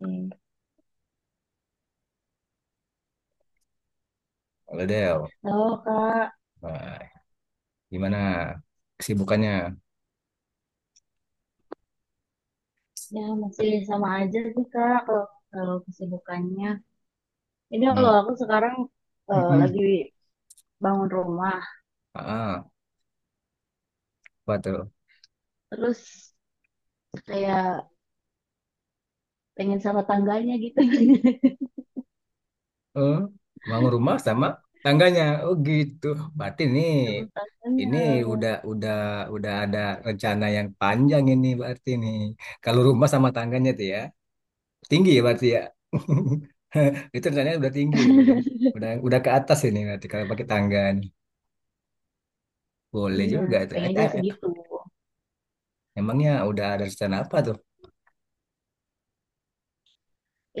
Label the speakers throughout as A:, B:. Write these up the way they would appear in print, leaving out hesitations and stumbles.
A: Hmm.
B: Halo Del.
A: Halo Kak,
B: Nah, gimana kesibukannya?
A: ya masih sama aja sih Kak kalau, kalau kesibukannya. Ini kalau
B: Hmm.
A: aku sekarang lagi
B: Mm-mm.
A: bangun rumah,
B: Ah, apa tuh?
A: terus kayak pengen sama tangganya gitu.
B: Eh, bangun rumah sama tangganya. Oh gitu. Berarti ini
A: Sama
B: ini
A: tangganya.
B: udah udah ada rencana yang panjang ini berarti nih. Kalau rumah sama tangganya tuh ya tinggi ya berarti ya. Itu rencananya udah tinggi tuh berarti. Udah ke atas ini berarti kalau pakai tangga nih. Boleh
A: Iya,
B: juga tuh. Eh,
A: pengen aja
B: eh, eh.
A: segitu.
B: Emangnya udah ada rencana apa tuh?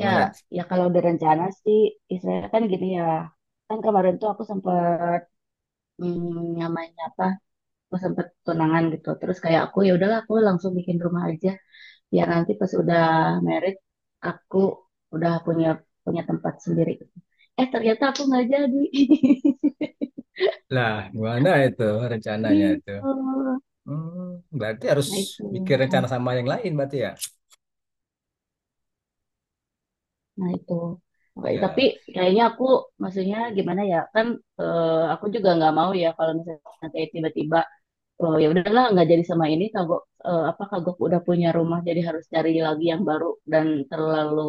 A: Ya, ya kalau udah rencana sih, istilahnya kan gini ya. Kan kemarin tuh aku sempet namanya apa? Aku sempet tunangan gitu. Terus kayak aku ya udahlah aku langsung bikin rumah aja ya nanti pas udah married aku udah punya punya tempat sendiri gitu. Eh ternyata aku nggak jadi,
B: Lah, gimana itu rencananya itu?
A: gitu.
B: Hmm, berarti harus
A: nah itu
B: bikin rencana sama yang lain berarti ya?
A: nah itu Makanya, tapi
B: Iyalah.
A: kayaknya aku maksudnya gimana ya kan, aku juga nggak mau ya kalau misalnya kayak tiba-tiba oh ya udahlah nggak jadi sama ini kagok, apa kagok udah punya rumah jadi harus cari lagi yang baru dan terlalu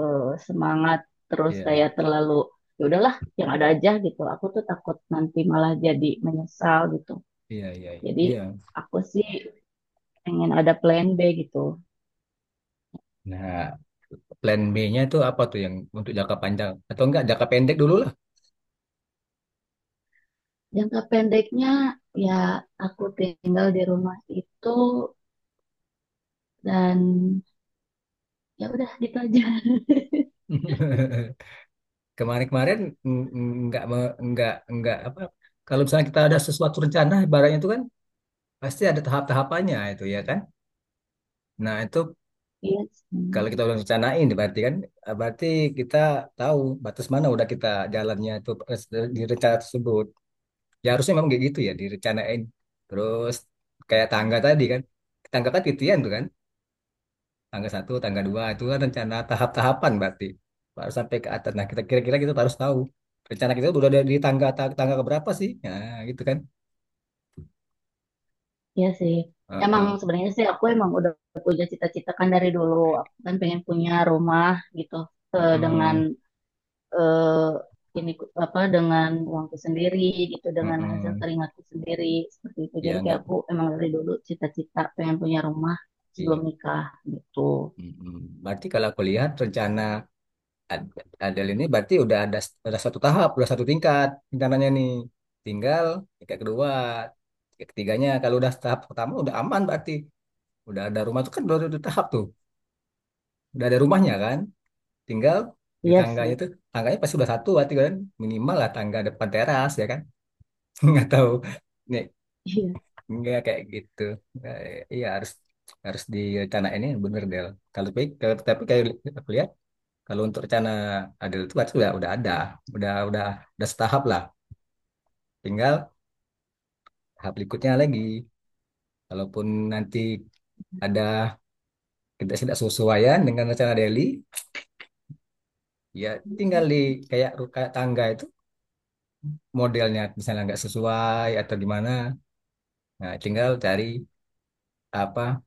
A: eh, semangat terus
B: Iya,
A: kayak terlalu ya udahlah yang ada aja gitu aku tuh takut nanti malah jadi menyesal gitu.
B: iya, iya, iya.
A: Jadi
B: Iya.
A: aku sih pengen ada plan B gitu.
B: Nah, plan B-nya itu apa tuh yang untuk jangka panjang atau enggak jangka pendek dulu lah.
A: Jangka pendeknya ya aku tinggal di rumah itu dan ya udah gitu aja.
B: Kemarin-kemarin enggak apa kalau misalnya kita ada sesuatu rencana ibaratnya itu kan pasti ada tahap-tahapannya itu ya kan? Nah, itu
A: Iya sih.
B: kalau kita udah rencanain berarti kan berarti kita tahu batas mana udah kita jalannya itu di rencana tersebut. Ya harusnya memang kayak gitu ya direncanain. Terus kayak tangga tadi kan. Tangga kan titian tuh kan. Tangga satu, tangga dua itu kan rencana tahap-tahapan berarti. Baru sampai ke atas. Nah, kita kira-kira kita harus tahu rencana kita udah ada di tangga tangga keberapa sih? Nah, gitu kan.
A: Iya sih. Emang
B: Heeh.
A: sebenarnya sih aku emang udah punya cita-cita kan dari dulu. Aku kan pengen punya rumah gitu dengan
B: Heeh.
A: eh, ini ku- apa dengan uangku sendiri gitu, dengan hasil
B: Heeh.
A: keringatku sendiri seperti itu.
B: Ya
A: Jadi kayak
B: enggak
A: aku emang dari dulu cita-cita pengen punya rumah sebelum
B: iya.
A: nikah gitu.
B: Mm-mm. Berarti kalau aku lihat rencana Ad- Adele ini berarti udah ada satu tahap, udah satu tingkat rencananya nih. Tinggal tingkat kedua, tingkat ketiganya. Kalau udah tahap pertama udah aman berarti. Udah ada rumah tuh kan udah ada tahap tuh. Udah ada rumahnya kan. Tinggal di
A: Iya
B: tangganya
A: sih.
B: tuh, tangganya pasti udah satu berarti kan. Minimal lah tangga depan teras ya kan. Nggak tahu. Nih, nggak kayak gitu. Nah, iya harus harus direncanain ini bener Del. Kalau tapi tapi kayak aku lihat, kalau untuk rencana adil itu berarti udah ada, udah udah setahap lah. Tinggal tahap berikutnya lagi. Kalaupun nanti ada ketidaksesuaian dengan rencana Delhi, ya tinggal di kayak tangga itu modelnya misalnya nggak sesuai atau gimana. Nah, tinggal cari apa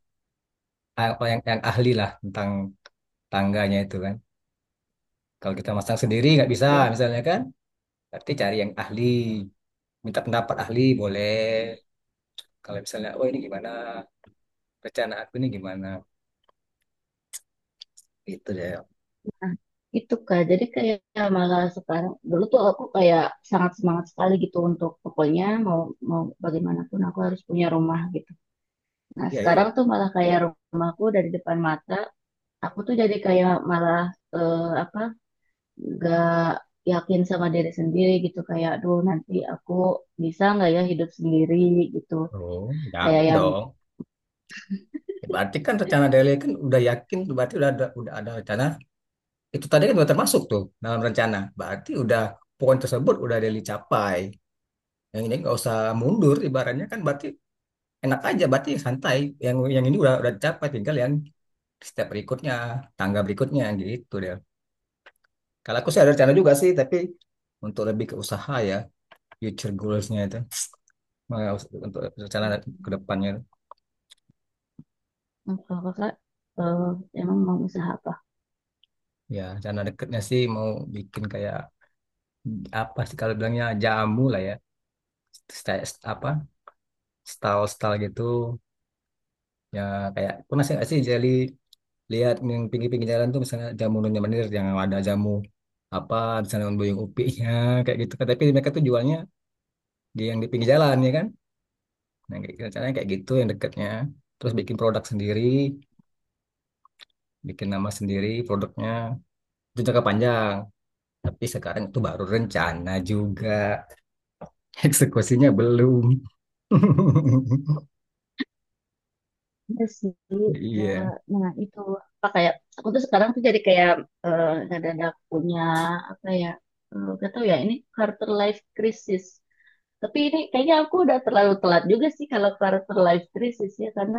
B: apa yang ahli lah tentang tangganya itu kan. Kalau kita masang sendiri nggak bisa
A: Iya, iya.
B: misalnya kan, berarti cari yang ahli, minta pendapat ahli boleh. Kalau misalnya, oh ini gimana? Rencana aku ini gimana gitu deh ya
A: Nah, itu Kak. Jadi kayak malah sekarang dulu tuh aku kayak sangat semangat sekali gitu untuk pokoknya mau mau bagaimanapun aku harus punya rumah gitu. Nah,
B: iya.
A: sekarang tuh malah kayak rumahku dari depan mata, aku tuh jadi kayak malah apa, gak yakin sama diri sendiri gitu, kayak aduh nanti aku bisa nggak ya hidup sendiri gitu,
B: Oh,
A: kayak
B: jangan
A: yang
B: dong. Ya, berarti kan rencana Dele kan udah yakin, berarti udah ada rencana. Itu tadi kan udah termasuk tuh dalam rencana. Berarti udah poin tersebut udah Dele capai. Yang ini nggak usah mundur, ibaratnya kan berarti enak aja, berarti santai. Yang ini udah capai, tinggal yang step berikutnya, tangga berikutnya gitu deh. Kalau aku sih ada rencana juga sih, tapi untuk lebih ke usaha ya, future goals-nya itu, Mau- untuk rencana ke depannya.
A: "Hmm, kalau kakak eh, emang mau usaha apa?"
B: Ya, sana deketnya sih mau bikin kayak apa sih kalau bilangnya jamu lah ya. Apa? Style-style gitu. Ya kayak pernah sih nggak sih jadi lihat yang pinggir-pinggir jalan tuh misalnya jamu Nyonya Menir yang ada jamu apa di sana buyung upinya kayak gitu kan. Tapi mereka tuh jualnya di yang di pinggir jalan ya kan. Nah, kayak gitu, caranya kayak gitu yang dekatnya. Terus bikin produk sendiri, bikin nama sendiri produknya. Itu jangka panjang. Tapi sekarang itu baru rencana juga. Eksekusinya belum.
A: Iya sih. Eh,
B: Iya.
A: nah itu, apa, kayak aku tuh sekarang tuh jadi kayak ngedadak punya apa ya, gak tau ya ini quarter life crisis. Tapi ini kayaknya aku udah terlalu telat juga sih kalau karakter life crisis ya, karena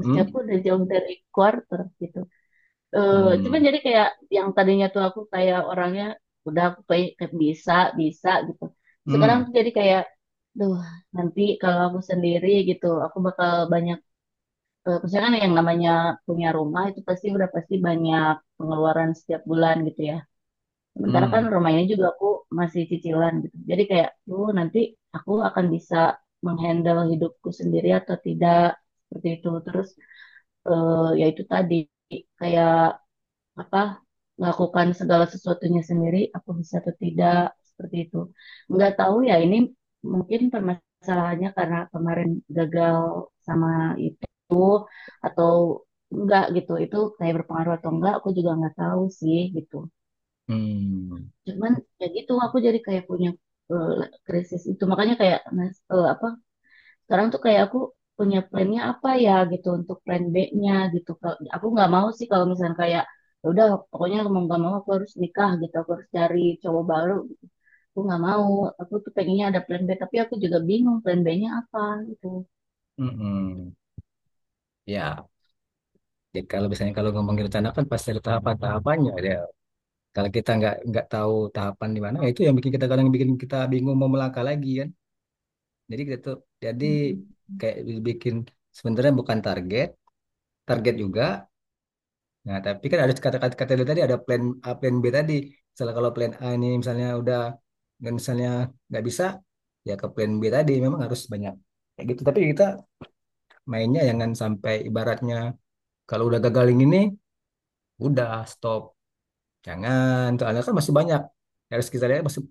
A: usia aku udah jauh dari quarter gitu. Eh, cuman
B: Mm.
A: jadi kayak yang tadinya tuh aku kayak orangnya udah, aku kayak kayak bisa bisa gitu. Terus sekarang
B: Mm.
A: tuh jadi kayak, duh nanti kalau aku sendiri gitu, aku bakal banyak. Maksudnya kan yang namanya punya rumah itu pasti udah pasti banyak pengeluaran setiap bulan gitu ya. Sementara kan
B: Mm.
A: rumah ini juga aku masih cicilan gitu. Jadi kayak, tuh nanti aku akan bisa menghandle hidupku sendiri atau tidak, seperti itu. Terus ya itu tadi kayak apa, melakukan segala sesuatunya sendiri, aku bisa atau tidak, seperti itu. Nggak tahu ya ini mungkin permasalahannya karena kemarin gagal sama itu atau enggak gitu. Itu kayak berpengaruh atau enggak, aku juga nggak tahu sih gitu.
B: Mm.
A: Cuman ya gitu aku jadi kayak punya eh, krisis itu, makanya kayak nas- apa, sekarang tuh kayak aku punya plannya apa ya gitu untuk plan B-nya gitu. Kalau, aku nggak mau sih kalau misalnya kayak "Ya udah pokoknya mau nggak mau aku harus nikah gitu, aku harus cari cowok baru." Aku nggak mau. Aku tuh pengennya ada plan B, tapi aku juga bingung plan B-nya apa gitu.
B: Mm-mm. Ya, jadi kalau biasanya kalau ngomongin rencana kan pasti ada tahapan-tahapannya ya. Kalau kita nggak tahu tahapan di mana, ya itu yang bikin kita kadang bikin kita bingung mau melangkah lagi kan. Jadi kita tuh jadi
A: Mm-mm.
B: kayak bikin sebenarnya bukan target, target juga. Nah, tapi kan ada kata kata, kata dia tadi ada plan A, plan B tadi. Misalnya kalau plan A ini misalnya udah dan misalnya nggak bisa, ya ke plan B tadi memang harus banyak kayak gitu. Tapi kita mainnya jangan sampai ibaratnya kalau udah gagal yang ini, udah stop. Jangan, soalnya kan masih banyak. Ya, harus kita lihat masih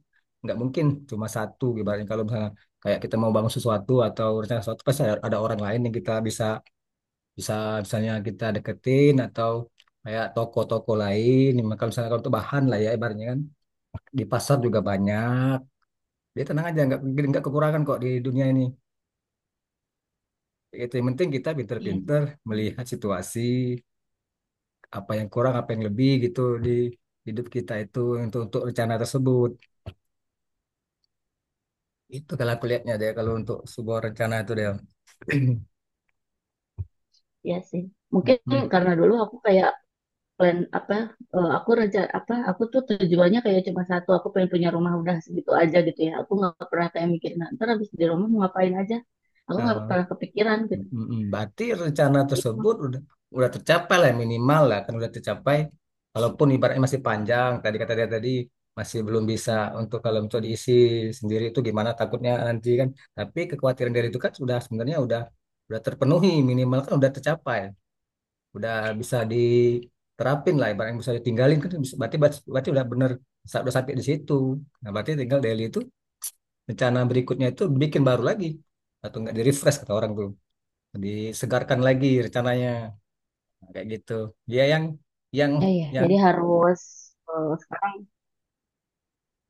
B: nggak mungkin cuma satu ibaratnya kalau misalnya kayak kita mau bangun sesuatu atau rencana sesuatu pasti ada orang lain yang kita bisa bisa misalnya kita deketin atau kayak toko-toko lain maka misalnya kalau untuk bahan lah ya ibaratnya kan di pasar juga banyak dia tenang aja nggak kekurangan kok di dunia ini itu yang penting kita
A: Iya
B: pinter-pinter melihat situasi apa yang kurang apa yang lebih gitu di hidup kita itu untuk rencana tersebut itu kalau aku lihatnya deh kalau untuk sebuah rencana itu deh.
A: ya sih mungkin
B: Mm-mm.
A: karena dulu aku kayak plan apa, aku rencana apa, aku tuh tujuannya kayak cuma satu, aku pengen punya rumah udah segitu aja gitu ya, aku nggak pernah kayak mikir nah, ntar habis di rumah mau ngapain aja, aku nggak pernah kepikiran gitu.
B: Mm-mm. Berarti rencana
A: Gitu
B: tersebut udah tercapai lah ya, minimal lah kan udah tercapai. Walaupun ibaratnya masih panjang, tadi kata dia tadi masih belum bisa untuk kalau misalnya diisi sendiri itu gimana takutnya nanti kan. Tapi kekhawatiran dari itu kan sudah sebenarnya udah terpenuhi minimal kan udah tercapai, udah bisa diterapin lah ibaratnya bisa ditinggalin kan berarti berarti udah bener udah sampai di situ. Nah berarti tinggal daily itu rencana berikutnya itu bikin baru lagi atau enggak di refresh kata orang dulu disegarkan lagi rencananya. Nah, kayak gitu dia yang
A: ya. Ya
B: yang
A: jadi harus sekarang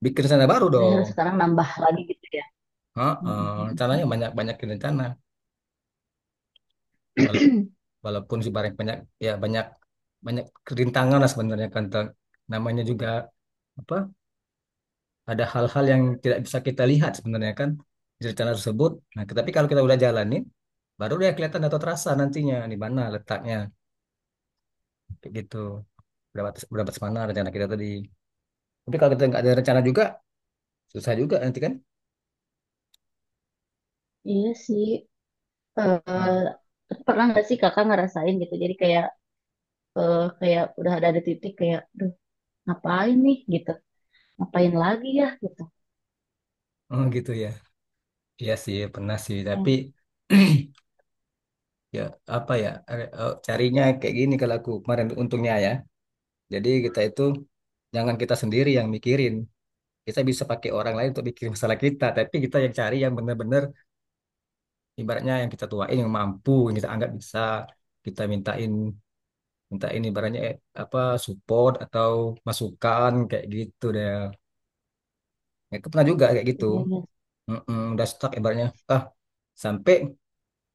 B: bikin rencana baru
A: jadi harus
B: dong.
A: sekarang nambah lagi gitu ya.
B: Heeh, rencananya banyak banyak rencana. Wala- walaupun sih banyak banyak ya banyak banyak kerintangan lah sebenarnya kan. Namanya juga apa ada hal-hal yang tidak bisa kita lihat sebenarnya kan di rencana tersebut nah tapi kalau kita udah jalanin baru dia kelihatan atau terasa nantinya di mana letaknya kayak gitu berapa berapa mana rencana kita tadi tapi kalau kita nggak ada rencana juga susah juga nanti kan.
A: Iya sih.
B: Hmm.
A: Eh pernah nggak sih kakak ngerasain gitu jadi kayak kayak udah ada di titik kayak duh, ngapain nih gitu, ngapain lagi ya gitu.
B: Oh gitu ya. Iya sih pernah sih tapi
A: Ya,
B: ya apa ya carinya kayak gini kalau aku kemarin untungnya ya. Jadi kita itu jangan kita sendiri yang mikirin. Kita bisa pakai orang lain untuk mikirin masalah kita, tapi kita yang cari yang benar-benar ibaratnya yang kita tuain yang mampu, yang kita anggap bisa kita mintain mintain ibaratnya apa support atau masukan kayak gitu deh. Ya, aku pernah juga kayak gitu.
A: iya iya.
B: Mm-mm, udah stuck ibaratnya. Ah, sampai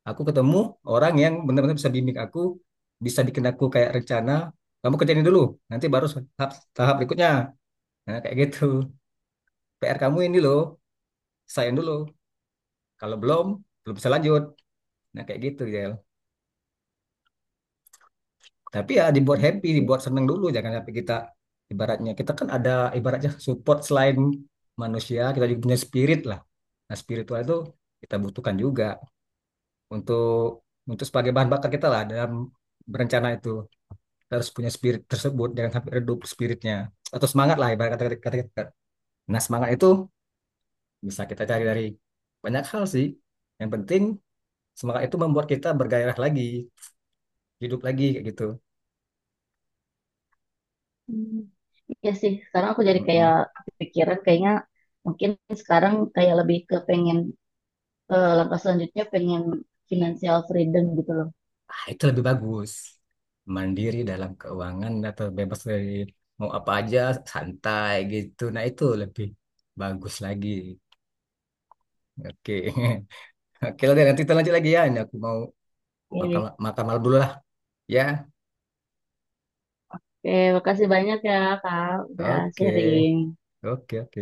B: aku ketemu orang yang benar-benar bisa bimbing aku bisa bikin aku kayak rencana kamu kerjain ini dulu nanti baru tahap tahap berikutnya nah kayak gitu PR kamu ini loh selesaiin dulu kalau belum belum bisa lanjut nah kayak gitu ya tapi ya dibuat
A: Mm,
B: happy
A: sih.
B: dibuat seneng dulu jangan sampai kita ibaratnya kita kan ada ibaratnya support selain manusia kita juga punya spirit lah nah spiritual itu kita butuhkan juga untuk untuk sebagai bahan bakar kita lah dalam berencana itu harus punya spirit tersebut jangan sampai redup spiritnya atau semangat lah ibarat kata kata kita nah semangat itu bisa kita cari dari banyak hal sih yang penting semangat itu membuat kita bergairah lagi hidup lagi kayak gitu.
A: Mm. Ya sih, sekarang aku jadi kayak
B: Mm-mm.
A: kepikiran kayaknya mungkin sekarang kayak lebih ke pengen langkah selanjutnya pengen financial freedom gitu loh.
B: Ah, itu lebih bagus mandiri dalam keuangan atau bebas dari mau apa aja santai gitu nah itu lebih bagus lagi. Oke. Oke lah nanti kita lanjut lagi ya ini aku mau makan
A: Oke,
B: makan malam dulu lah ya.
A: oke, makasih banyak ya Kak, udah
B: Oke
A: sharing.
B: oke oke.